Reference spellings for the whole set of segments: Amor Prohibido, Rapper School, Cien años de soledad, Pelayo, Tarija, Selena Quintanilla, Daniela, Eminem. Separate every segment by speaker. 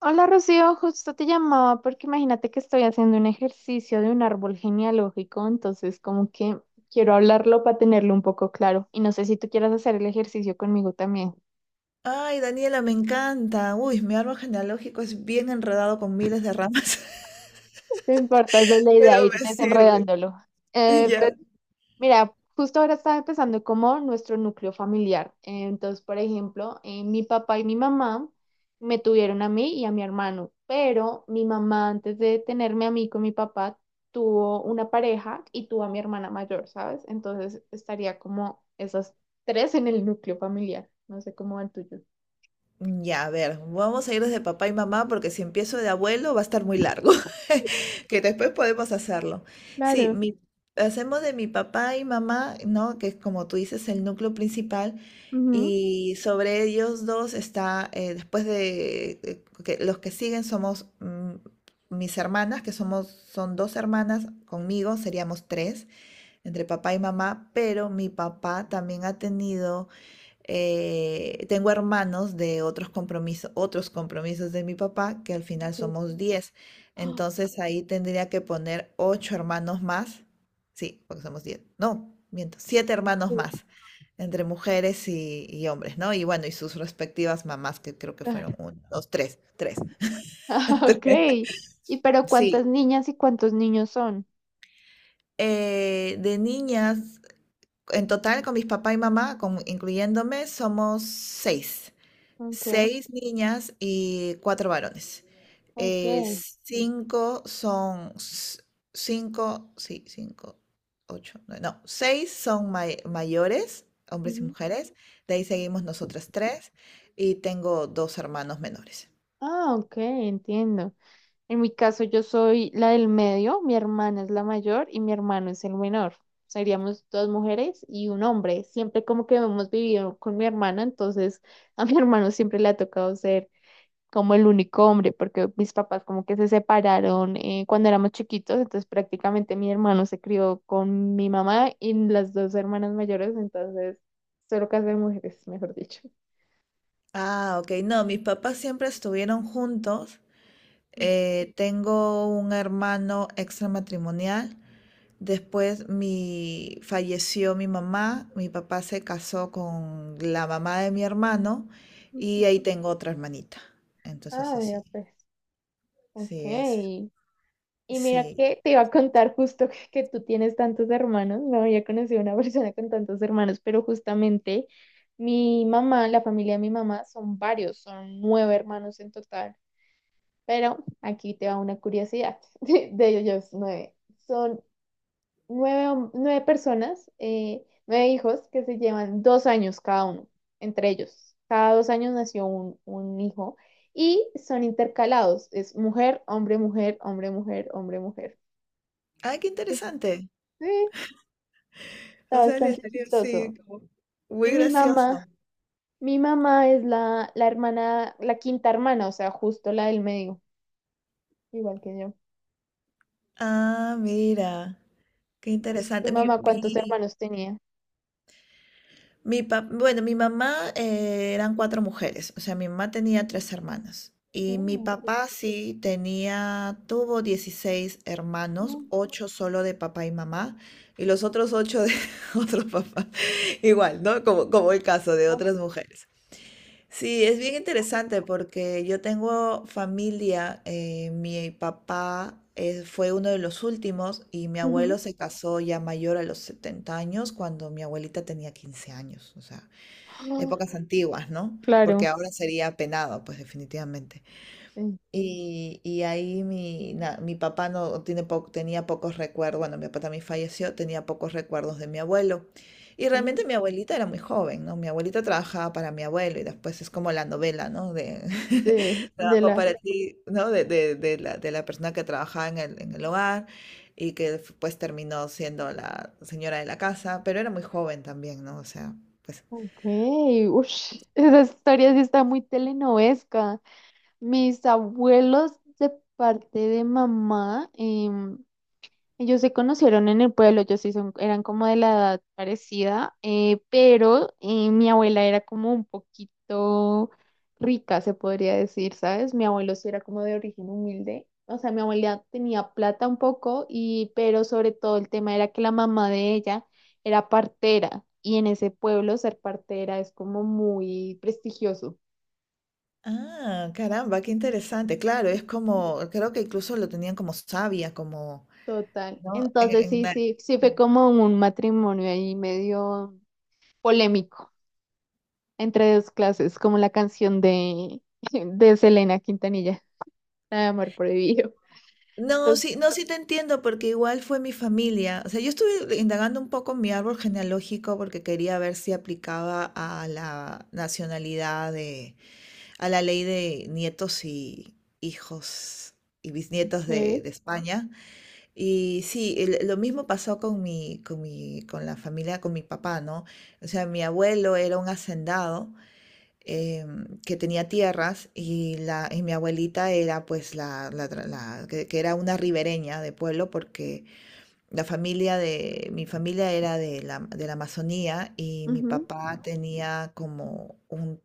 Speaker 1: Hola Rocío, justo te llamaba porque imagínate que estoy haciendo un ejercicio de un árbol genealógico, entonces como que quiero hablarlo para tenerlo un poco claro y no sé si tú quieras hacer el ejercicio conmigo también.
Speaker 2: Ay, Daniela, me encanta. Uy, mi árbol genealógico es bien enredado con miles de ramas,
Speaker 1: No importa, esa es la idea,
Speaker 2: pero
Speaker 1: ir
Speaker 2: me sirve.
Speaker 1: desenredándolo.
Speaker 2: Ya.
Speaker 1: Mira, justo ahora estaba empezando como nuestro núcleo familiar. Entonces, por ejemplo, mi papá y mi mamá me tuvieron a mí y a mi hermano, pero mi mamá antes de tenerme a mí con mi papá tuvo una pareja y tuvo a mi hermana mayor, ¿sabes? Entonces estaría como esas tres en el núcleo familiar. No sé cómo va el tuyo.
Speaker 2: Ya, a ver, vamos a ir desde papá y mamá porque si empiezo de abuelo va a estar muy largo, que después podemos hacerlo. Sí,
Speaker 1: Claro.
Speaker 2: hacemos de mi papá y mamá, ¿no? Que es como tú dices, el núcleo principal.
Speaker 1: Ujú.
Speaker 2: Y sobre ellos dos está, después de que los que siguen somos mis hermanas, que son dos hermanas, conmigo seríamos tres, entre papá y mamá, pero mi papá también ha tenido, tengo hermanos de otros compromisos de mi papá, que al final
Speaker 1: Sí,
Speaker 2: somos 10. Entonces ahí tendría que poner ocho hermanos más. Sí, porque somos 10. No, miento, siete hermanos
Speaker 1: sí,
Speaker 2: más entre mujeres y hombres, ¿no? Y bueno, y sus respectivas mamás, que creo que
Speaker 1: claro.
Speaker 2: fueron uno, dos, tres, tres.
Speaker 1: Ah, ok.
Speaker 2: Tres.
Speaker 1: ¿Y pero
Speaker 2: Sí,
Speaker 1: cuántas niñas y cuántos niños son?
Speaker 2: de niñas, en total con mis papá y mamá, incluyéndome, somos seis.
Speaker 1: Ok.
Speaker 2: Seis niñas y cuatro varones.
Speaker 1: Ok.
Speaker 2: Eh, cinco son, s- cinco, sí, cinco, ocho, nueve, no, seis son mayores, hombres y mujeres. De ahí seguimos nosotras tres y tengo dos hermanos menores.
Speaker 1: Ah, ok, entiendo. En mi caso, yo soy la del medio, mi hermana es la mayor y mi hermano es el menor. Seríamos dos mujeres y un hombre. Siempre como que hemos vivido con mi hermana, entonces a mi hermano siempre le ha tocado ser como el único hombre, porque mis papás como que se separaron cuando éramos chiquitos, entonces prácticamente mi hermano se crió con mi mamá y las dos hermanas mayores, entonces solo casa de mujeres, mejor dicho.
Speaker 2: Ah, ok, no, mis papás siempre estuvieron juntos. Tengo un hermano extramatrimonial. Después falleció mi mamá, mi papá se casó con la mamá de mi hermano y
Speaker 1: Ujú.
Speaker 2: ahí tengo otra hermanita. Entonces
Speaker 1: Ah,
Speaker 2: así,
Speaker 1: mira,
Speaker 2: sí,
Speaker 1: pues, ok.
Speaker 2: sí es,
Speaker 1: Y mira
Speaker 2: sí.
Speaker 1: que te iba a contar justo que tú tienes tantos hermanos, no había conocido una persona con tantos hermanos, pero justamente mi mamá, la familia de mi mamá son varios, son nueve hermanos en total, pero aquí te va una curiosidad de ellos nueve. Son nueve personas, nueve hijos que se llevan 2 años cada uno, entre ellos. Cada 2 años nació un hijo y son intercalados, es mujer, hombre, mujer, hombre, mujer, hombre, mujer.
Speaker 2: ¡Ay, qué interesante!
Speaker 1: Sí, está
Speaker 2: O sea, le
Speaker 1: bastante
Speaker 2: salió, sí,
Speaker 1: chistoso.
Speaker 2: como
Speaker 1: Y
Speaker 2: muy
Speaker 1: Mi mamá,
Speaker 2: gracioso.
Speaker 1: mi mamá es la hermana, la quinta hermana, o sea, justo la del medio, igual que yo.
Speaker 2: Ah, mira, qué
Speaker 1: Entonces, ¿tu
Speaker 2: interesante.
Speaker 1: mamá cuántos hermanos tenía?
Speaker 2: Bueno, mi mamá, eran cuatro mujeres, o sea, mi mamá tenía tres hermanas y mi
Speaker 1: Mm,
Speaker 2: papá sí tenía, tuvo 16
Speaker 1: ujú.
Speaker 2: hermanos, ocho solo de papá y mamá y los otros ocho de otro papá, igual, ¿no? Como el caso de otras mujeres. Sí, es bien interesante porque yo tengo familia, mi papá fue uno de los últimos y mi
Speaker 1: Ujú.
Speaker 2: abuelo se casó ya mayor a los 70 años cuando mi abuelita tenía 15 años, o sea,
Speaker 1: Ah,
Speaker 2: épocas antiguas, ¿no? Porque
Speaker 1: claro.
Speaker 2: ahora sería penado, pues definitivamente.
Speaker 1: Sí.
Speaker 2: Y ahí, mi papá no tiene po- tenía pocos recuerdos, bueno, mi papá también falleció, tenía pocos recuerdos de mi abuelo. Y
Speaker 1: Ujú.
Speaker 2: realmente mi abuelita era muy joven, ¿no? Mi abuelita trabajaba para mi abuelo y después es como la novela, ¿no? De
Speaker 1: Sí, de
Speaker 2: trabajo
Speaker 1: la...
Speaker 2: para ti, ¿no? De la persona que trabajaba en el hogar y que después terminó siendo la señora de la casa, pero era muy joven también, ¿no? O sea, pues.
Speaker 1: Ok, ush, esa historia sí está muy telenovesca. Mis abuelos de parte de mamá. Ellos se conocieron en el pueblo, ellos sí eran como de la edad parecida, pero mi abuela era como un poquito rica, se podría decir, ¿sabes? Mi abuelo sí era como de origen humilde, o sea, mi abuela tenía plata un poco, y, pero sobre todo el tema era que la mamá de ella era partera, y en ese pueblo ser partera es como muy prestigioso.
Speaker 2: Ah, caramba, qué interesante. Claro, es como, creo que incluso lo tenían como savia, como,
Speaker 1: Total.
Speaker 2: ¿no?
Speaker 1: Entonces sí, sí, sí fue como un matrimonio ahí medio polémico. Entre dos clases, como la canción de, de Selena Quintanilla, la de Amor Prohibido.
Speaker 2: No,
Speaker 1: Tot-
Speaker 2: sí, no, sí te entiendo, porque igual fue mi familia. O sea, yo estuve indagando un poco en mi árbol genealógico porque quería ver si aplicaba a la nacionalidad de, a la ley de nietos y hijos y bisnietos de,
Speaker 1: eh,
Speaker 2: de España. Y sí, lo mismo pasó con con la familia, con mi papá, ¿no? O sea, mi abuelo era un hacendado, que tenía tierras, y mi abuelita era pues la que era una ribereña de pueblo porque mi familia era de la Amazonía y mi
Speaker 1: Ujú.
Speaker 2: papá tenía como un,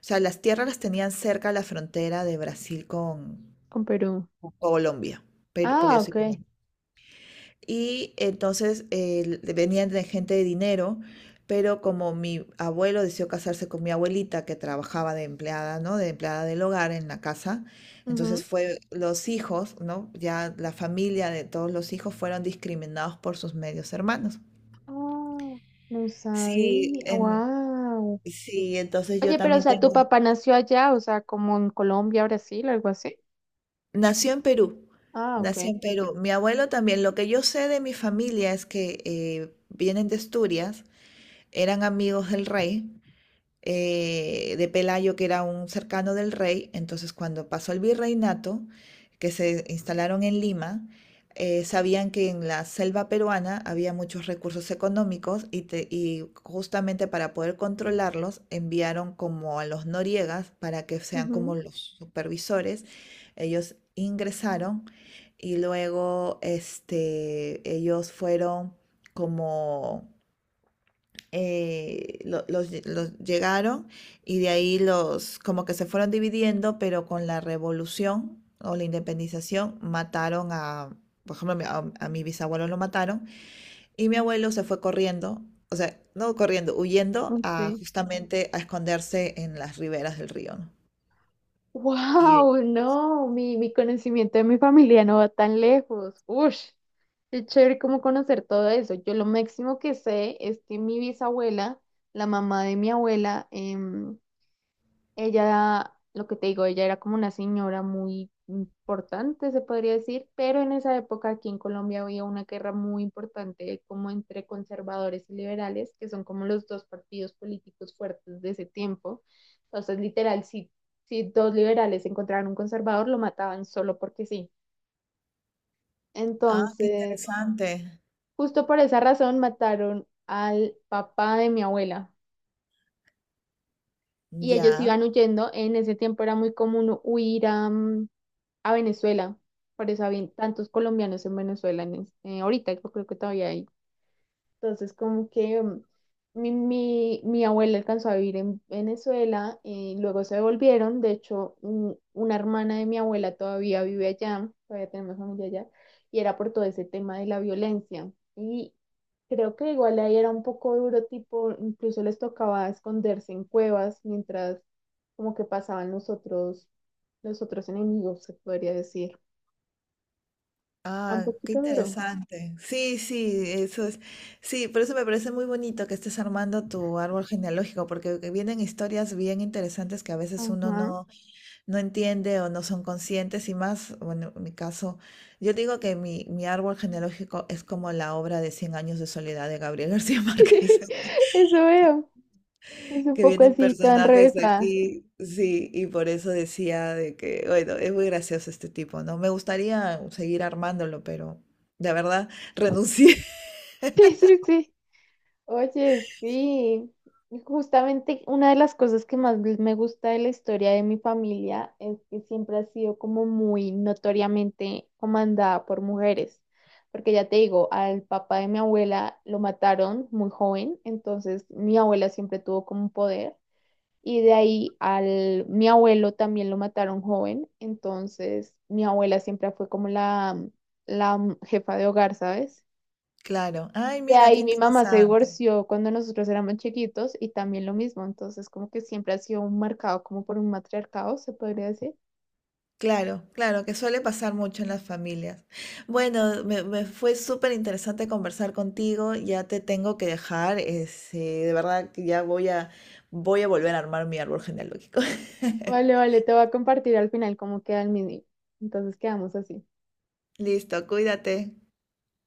Speaker 2: o sea, las tierras las tenían cerca a la frontera de Brasil con,
Speaker 1: Con Perú.
Speaker 2: con Colombia, pero, porque
Speaker 1: Ah,
Speaker 2: yo soy,
Speaker 1: ok.
Speaker 2: y entonces venían de gente de dinero, pero como mi abuelo decidió casarse con mi abuelita, que trabajaba de empleada, ¿no? De empleada del hogar en la casa, entonces
Speaker 1: Ujú.
Speaker 2: fue los hijos, ¿no? Ya la familia de todos los hijos fueron discriminados por sus medios hermanos.
Speaker 1: Ah, no
Speaker 2: Sí,
Speaker 1: sabía. Wow.
Speaker 2: sí, entonces yo
Speaker 1: Oye, pero o
Speaker 2: también
Speaker 1: sea,
Speaker 2: tengo...
Speaker 1: tu papá nació allá, o sea, como en Colombia, Brasil, algo así.
Speaker 2: Nació en Perú,
Speaker 1: Ah,
Speaker 2: nació
Speaker 1: ok.
Speaker 2: en Perú. Mi abuelo también. Lo que yo sé de mi familia es que vienen de Asturias, eran amigos del rey, de Pelayo, que era un cercano del rey. Entonces, cuando pasó el virreinato, que se instalaron en Lima, sabían que en la selva peruana había muchos recursos económicos y justamente para poder controlarlos enviaron como a los noriegas para que sean
Speaker 1: Ujú.
Speaker 2: como los supervisores. Ellos ingresaron y luego ellos fueron como, los llegaron y de ahí los, como que se fueron dividiendo, pero con la revolución o la independización mataron a, por ejemplo, a mi bisabuelo lo mataron y mi abuelo se fue corriendo, o sea, no corriendo, huyendo a,
Speaker 1: Sí.
Speaker 2: justamente, a esconderse en las riberas del río, ¿no? Y,
Speaker 1: Wow, no, mi conocimiento de mi familia no va tan lejos. Ush, qué chévere como conocer todo eso. Yo lo máximo que sé es que mi bisabuela, la mamá de mi abuela, ella, lo que te digo, ella era como una señora muy importante, se podría decir, pero en esa época aquí en Colombia había una guerra muy importante como entre conservadores y liberales, que son como los dos partidos políticos fuertes de ese tiempo. Entonces, literal, si dos liberales encontraban un conservador, lo mataban solo porque sí.
Speaker 2: ah, qué
Speaker 1: Entonces,
Speaker 2: interesante.
Speaker 1: justo por esa razón mataron al papá de mi abuela. Y ellos
Speaker 2: Ya.
Speaker 1: iban huyendo. En ese tiempo era muy común huir a Venezuela. Por eso había tantos colombianos en Venezuela ahorita, yo creo que todavía hay. Entonces, como que mi abuela alcanzó a vivir en Venezuela, luego se devolvieron. De hecho, una hermana de mi abuela todavía vive allá, todavía tenemos familia allá, y era por todo ese tema de la violencia. Y creo que igual ahí era un poco duro, tipo, incluso les tocaba esconderse en cuevas mientras como que pasaban los otros enemigos, se podría decir. Era un
Speaker 2: Ah, qué
Speaker 1: poquito duro.
Speaker 2: interesante. Sí, sí, eso es. Sí, por eso me parece muy bonito que estés armando tu árbol genealógico, porque que vienen historias bien interesantes que a veces uno
Speaker 1: Ajá.
Speaker 2: no entiende o no son conscientes y más, bueno, en mi caso, yo digo que mi árbol genealógico es como la obra de Cien años de soledad de Gabriel García Márquez,
Speaker 1: Eso veo. Es un
Speaker 2: que
Speaker 1: poco
Speaker 2: vienen
Speaker 1: así, tan
Speaker 2: personajes
Speaker 1: revesada.
Speaker 2: aquí, sí, y por eso decía de que, bueno, es muy gracioso este tipo, ¿no? Me gustaría seguir armándolo, pero la verdad renuncié.
Speaker 1: Sí, sí, sí. Oye, sí. Justamente una de las cosas que más me gusta de la historia de mi familia es que siempre ha sido como muy notoriamente comandada por mujeres. Porque ya te digo, al papá de mi abuela lo mataron muy joven, entonces mi abuela siempre tuvo como un poder. Y de ahí al mi abuelo también lo mataron joven, entonces mi abuela siempre fue como la jefa de hogar, ¿sabes?
Speaker 2: Claro, ay,
Speaker 1: De
Speaker 2: mira, qué
Speaker 1: ahí mi mamá se
Speaker 2: interesante.
Speaker 1: divorció cuando nosotros éramos chiquitos y también lo mismo, entonces como que siempre ha sido un marcado como por un matriarcado, se podría decir.
Speaker 2: Claro, claro, que suele pasar mucho en las familias. Bueno, me fue súper interesante conversar contigo, ya te tengo que dejar, de verdad que ya voy a volver a armar mi árbol genealógico.
Speaker 1: Vale, vale, te voy a compartir al final cómo queda el mini. Entonces quedamos así.
Speaker 2: Listo, cuídate.